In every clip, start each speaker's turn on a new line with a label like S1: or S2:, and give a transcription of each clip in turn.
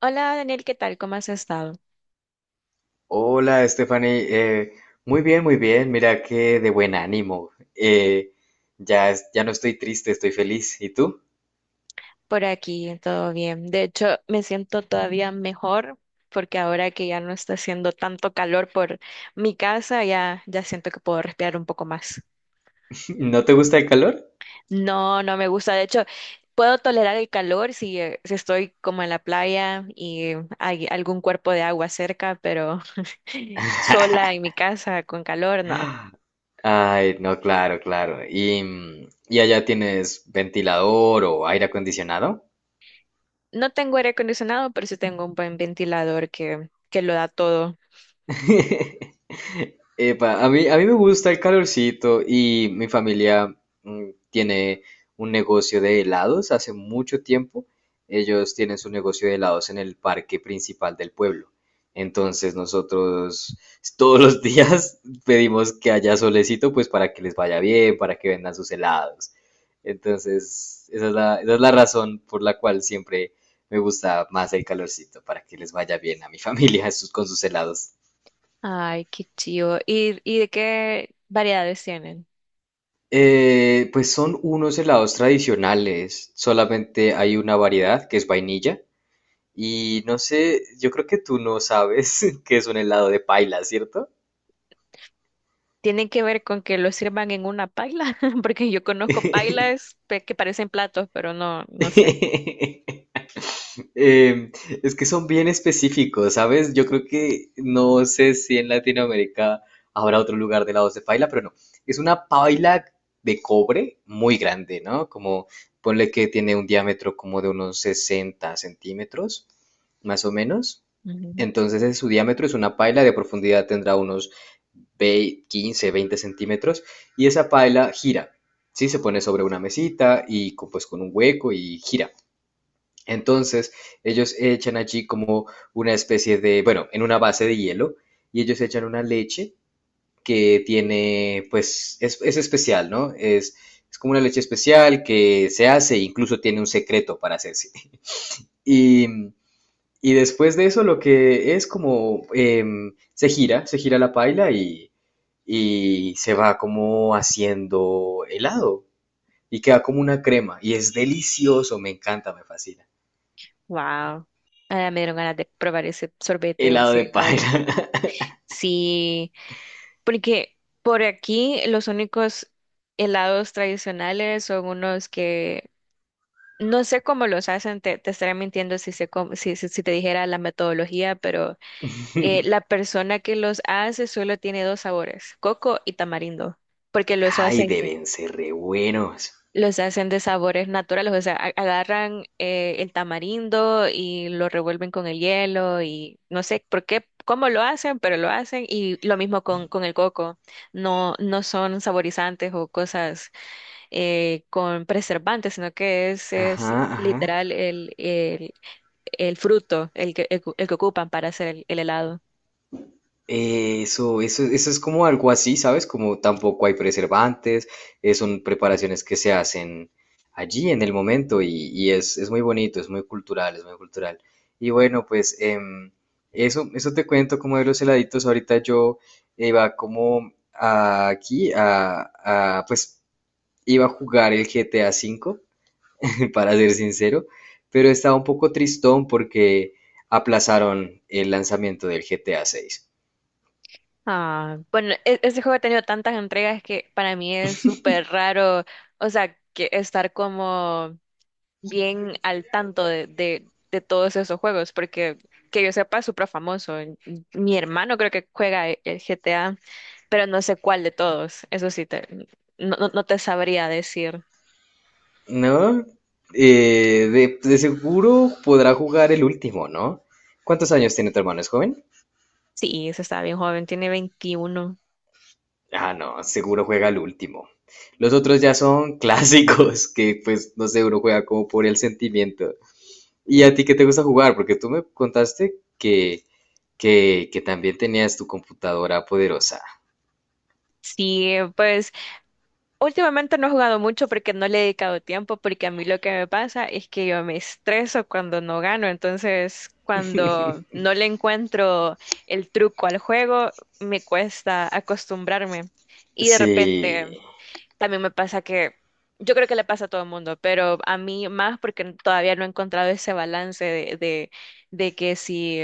S1: Hola Daniel, ¿qué tal? ¿Cómo has estado?
S2: Hola, Stephanie. Muy bien, muy bien. Mira qué de buen ánimo. Eh, ya, ya no estoy triste, estoy feliz. ¿Y tú?
S1: Por aquí, todo bien. De hecho, me siento todavía mejor porque ahora que ya no está haciendo tanto calor por mi casa, ya siento que puedo respirar un poco más.
S2: ¿No te gusta el calor?
S1: No, no me gusta. De hecho, puedo tolerar el calor si, si estoy como en la playa y hay algún cuerpo de agua cerca, pero sola en mi casa con calor, no.
S2: Ay, no, claro, claro. ¿Y, y allá tienes ventilador o aire acondicionado?
S1: No tengo aire acondicionado, pero sí tengo un buen ventilador que lo da todo.
S2: Epa, a mí me gusta el calorcito y mi familia tiene un negocio de helados hace mucho tiempo. Ellos tienen su negocio de helados en el parque principal del pueblo. Entonces nosotros todos los días pedimos que haya solecito pues para que les vaya bien, para que vendan sus helados. Entonces esa es la razón por la cual siempre me gusta más el calorcito, para que les vaya bien a mi familia con sus helados.
S1: Ay, qué chido. Y de qué variedades tienen?
S2: Pues son unos helados tradicionales, solamente hay una variedad que es vainilla y no sé, yo creo que tú no sabes que es un helado de paila, ¿cierto?
S1: ¿Tienen que ver con que lo sirvan en una paila? Porque yo conozco que parecen platos, pero no, no sé.
S2: Eh, es que son bien específicos, ¿sabes? Yo creo que no sé si en Latinoamérica habrá otro lugar de lados de paila, pero no. Es una paila de cobre muy grande, ¿no? Como ponle que tiene un diámetro como de unos 60 centímetros, más o menos.
S1: Ujú.
S2: Entonces su diámetro es una paila, de profundidad tendrá unos 15, 20 centímetros y esa paila gira, ¿sí? Se pone sobre una mesita y pues con un hueco y gira. Entonces, ellos echan allí como una especie de, bueno, en una base de hielo, y ellos echan una leche que tiene, pues, es especial, ¿no? Es como una leche especial que se hace, incluso tiene un secreto para hacerse. Y, y después de eso, lo que es como, se gira la paila y se va como haciendo helado, y queda como una crema, y es delicioso, me encanta, me fascina.
S1: Wow. Ah, me dieron ganas de probar ese sorbete o
S2: Helado
S1: ese
S2: de
S1: helado.
S2: paila.
S1: Sí, porque por aquí los únicos helados tradicionales son unos que no sé cómo los hacen, te estaría mintiendo si, sé cómo- si, si si te dijera la metodología, pero la persona que los hace solo tiene dos sabores, coco y tamarindo, porque
S2: Ay, deben ser re buenos.
S1: los hacen de sabores naturales, o sea, agarran el tamarindo y lo revuelven con el hielo y no sé por qué, cómo lo hacen, pero lo hacen y lo mismo con el coco. No, no son saborizantes o cosas con preservantes, sino que
S2: Ajá,
S1: es
S2: ajá.
S1: literal el fruto el que ocupan para hacer el helado.
S2: Eso es como algo así, ¿sabes? Como tampoco hay preservantes, son preparaciones que se hacen allí en el momento y es muy bonito, es muy cultural. Y bueno, pues eso te cuento como de los heladitos. Ahorita yo iba como aquí pues iba a jugar el GTA V para ser sincero, pero estaba un poco tristón porque aplazaron el lanzamiento del GTA 6.
S1: Ah, bueno, ese juego ha tenido tantas entregas que para mí es súper raro, o sea, que estar como bien al tanto de todos esos juegos, porque que yo sepa es súper famoso. Mi hermano creo que juega el GTA, pero no sé cuál de todos, eso sí, no, no te sabría decir.
S2: ¿No? De seguro podrá jugar el último, ¿no? ¿Cuántos años tiene tu hermano? ¿Es joven?
S1: Sí, se está bien joven, tiene 21.
S2: Ah, no, seguro juega el último. Los otros ya son clásicos, que pues no sé, uno juega como por el sentimiento. ¿Y a ti qué te gusta jugar? Porque tú me contaste que también tenías tu computadora poderosa.
S1: Sí, pues últimamente no he jugado mucho porque no le he dedicado tiempo, porque a mí lo que me pasa es que yo me estreso cuando no gano, entonces cuando no le encuentro el truco al juego, me cuesta acostumbrarme. Y de repente
S2: Sí.
S1: también me pasa que, yo creo que le pasa a todo el mundo, pero a mí más porque todavía no he encontrado ese balance de que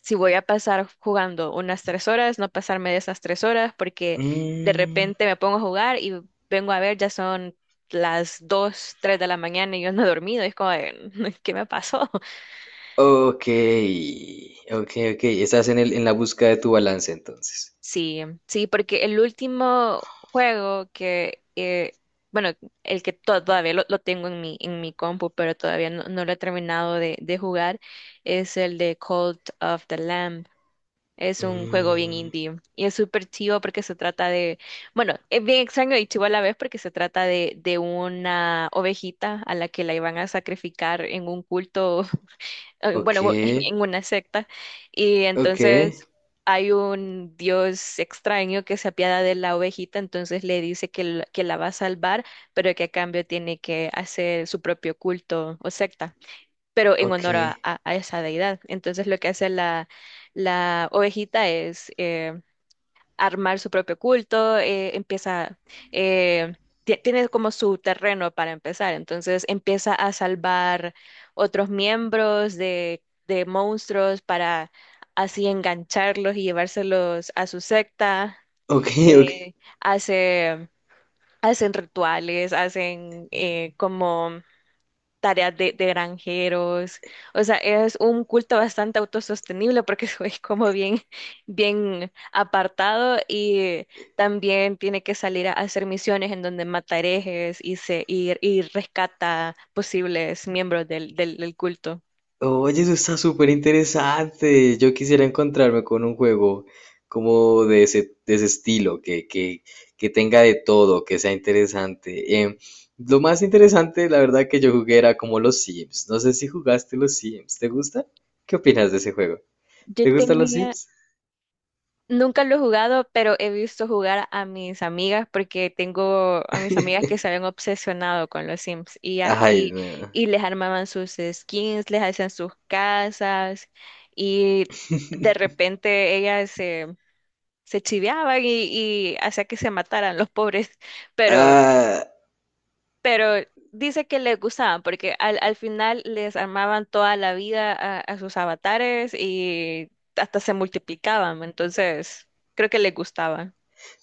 S1: si voy a pasar jugando unas 3 horas, no pasarme de esas 3 horas, porque de
S2: Mm,
S1: repente me pongo a jugar y vengo a ver, ya son las dos, tres de la mañana y yo no he dormido. Es como, de, ¿qué me pasó?
S2: ok, ok, ok. Estás en en la búsqueda de tu balance entonces.
S1: Sí, sí, porque el último juego que, bueno, el que todavía lo tengo en mi compu, pero todavía no, no lo he terminado de jugar, es el de Cult of the Lamb. Es un juego bien
S2: Mm,
S1: indie y es súper chivo porque se trata de, bueno, es bien extraño y chivo a la vez porque se trata de una ovejita a la que la iban a sacrificar en un culto,
S2: ok,
S1: bueno, en una secta. Y
S2: ok,
S1: entonces hay un dios extraño que se apiada de la ovejita, entonces le dice que, que la va a salvar, pero que a cambio tiene que hacer su propio culto o secta pero en
S2: ok,
S1: honor a, a esa deidad. Entonces lo que hace la ovejita es armar su propio culto, eh, tiene como su terreno para empezar, entonces empieza a salvar otros miembros de monstruos para así engancharlos y llevárselos a su secta.
S2: ok, ok.
S1: Eh, hace, hacen rituales, hacen como tareas de granjeros. O sea, es un culto bastante autosostenible porque es como bien, bien apartado y también tiene que salir a hacer misiones en donde mata herejes y rescata posibles miembros del culto.
S2: Oye, eso está súper interesante. Yo quisiera encontrarme con un juego como de ese estilo, que tenga de todo, que sea interesante. Lo más interesante, la verdad, que yo jugué era como los Sims. No sé si jugaste los Sims. ¿Te gusta? ¿Qué opinas de ese juego?
S1: Yo
S2: ¿Te gustan los
S1: tenía,
S2: Sims?
S1: nunca lo he jugado, pero he visto jugar a mis amigas porque tengo a mis amigas que se habían obsesionado con los Sims
S2: Ay, no.
S1: y les armaban sus skins, les hacían sus casas y de repente se chiveaban y hacía que se mataran los pobres, pero,
S2: Ah,
S1: pero dice que les gustaban porque al final les armaban toda la vida a sus avatares y hasta se multiplicaban, entonces creo que les gustaba.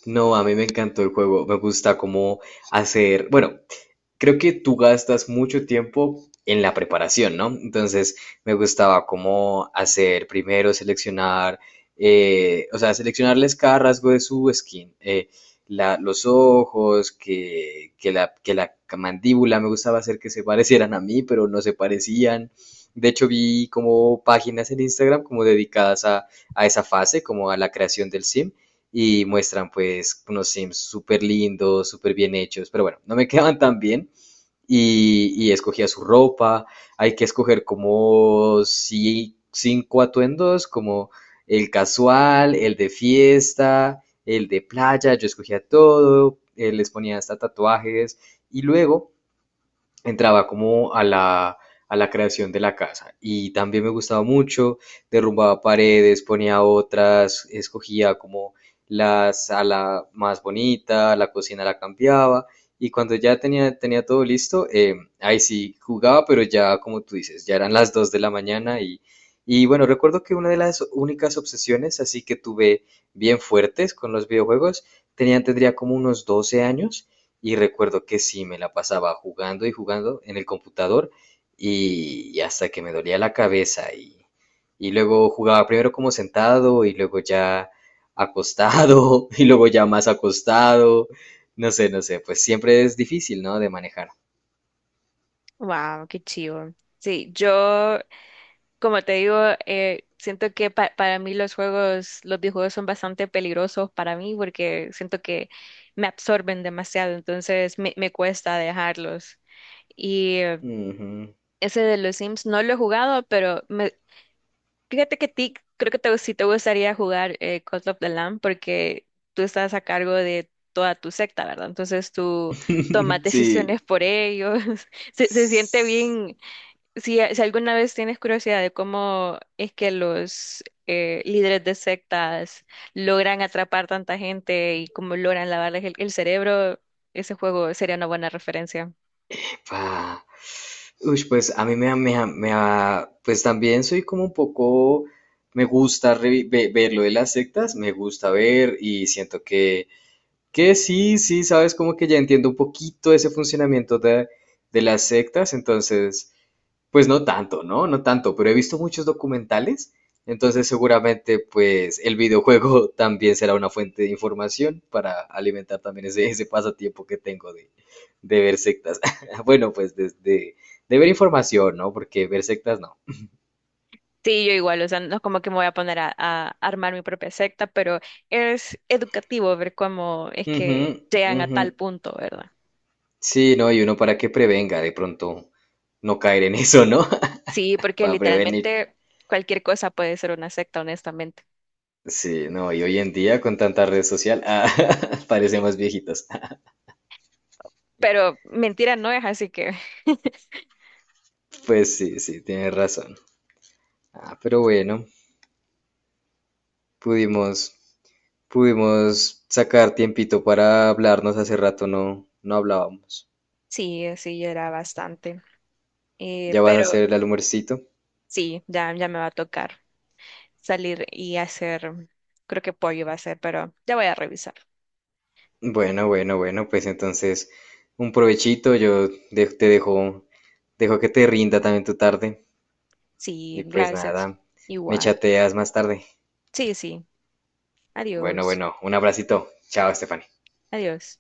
S2: no, a mí me encantó el juego. Me gusta cómo hacer, bueno, creo que tú gastas mucho tiempo en la preparación, ¿no? Entonces me gustaba cómo hacer primero, seleccionar, o sea, seleccionarles cada rasgo de su skin, los ojos, que la mandíbula, me gustaba hacer que se parecieran a mí, pero no se parecían. De hecho, vi como páginas en Instagram como dedicadas a esa fase, como a la creación del sim, y muestran pues unos sims súper lindos, súper bien hechos, pero bueno, no me quedaban tan bien y escogía su ropa. Hay que escoger como 5 atuendos, como el casual, el de fiesta, el de playa. Yo escogía todo, les ponía hasta tatuajes y luego entraba como a la creación de la casa. Y también me gustaba mucho, derrumbaba paredes, ponía otras, escogía como la sala más bonita, la cocina la cambiaba. Y cuando ya tenía todo listo, ahí sí jugaba, pero ya como tú dices, ya eran las 2 de la mañana y bueno, recuerdo que una de las únicas obsesiones así que tuve bien fuertes con los videojuegos, tendría como unos 12 años y recuerdo que sí, me la pasaba jugando y jugando en el computador y hasta que me dolía la cabeza y luego jugaba primero como sentado y luego ya acostado y luego ya más acostado. No sé, pues siempre es difícil, ¿no? De manejar.
S1: Wow, qué chivo. Sí, yo, como te digo, siento que para mí los juegos, los videojuegos son bastante peligrosos para mí porque siento que me absorben demasiado, entonces me cuesta dejarlos. Y
S2: Ujú.
S1: ese de los Sims no lo he jugado, pero me, fíjate que ti, creo que te, sí te gustaría jugar Cult of the Lamb porque tú estás a cargo de toda tu secta, ¿verdad? Entonces tú tomas
S2: Sí.
S1: decisiones por ellos. Se siente bien si, si alguna vez tienes curiosidad de cómo es que los líderes de sectas logran atrapar tanta gente y cómo logran lavarles el cerebro, ese juego sería una buena referencia.
S2: Ah, uy, pues a mí me, ha- me, ha- me ha- pues también soy como un poco, me gusta ver lo de las sectas, me gusta ver y siento que sí, sí, sabes, como que ya entiendo un poquito ese funcionamiento de las sectas, entonces pues no tanto, ¿no? No tanto, pero he visto muchos documentales, entonces seguramente pues el videojuego también será una fuente de información para alimentar también ese pasatiempo que tengo de ver sectas. Bueno, pues de ver información, ¿no? Porque ver sectas no.
S1: Sí, yo igual, o sea, no es como que me voy a poner a armar mi propia secta, pero es educativo ver cómo es
S2: Ujú,
S1: que llegan a
S2: ujú.
S1: tal punto, ¿verdad?
S2: Sí, no, y uno para que prevenga de pronto no caer en eso, ¿no?
S1: Sí, porque
S2: Para prevenir.
S1: literalmente cualquier cosa puede ser una secta, honestamente.
S2: Sí, no, y hoy en día con tanta red social, ah, parecemos viejitos.
S1: Pero mentira no es, así que
S2: Pues sí, sí, tienes razón. Ah, pero bueno, pudimos, pudimos sacar tiempito para hablarnos. Hace rato no hablábamos.
S1: sí, sí, era bastante.
S2: ¿Ya vas a
S1: Pero
S2: hacer el almuercito?
S1: sí, ya me va a tocar salir y hacer, creo que pollo va a ser, pero ya voy a revisar.
S2: Bueno, pues entonces un provechito. Yo te dejo, dejo que te rinda también tu tarde.
S1: Sí,
S2: Y pues
S1: gracias.
S2: nada, me
S1: Igual.
S2: chateas más tarde.
S1: Sí, sí.
S2: Bueno,
S1: Adiós.
S2: bueno, un abracito. Chao, Estefan.
S1: Adiós.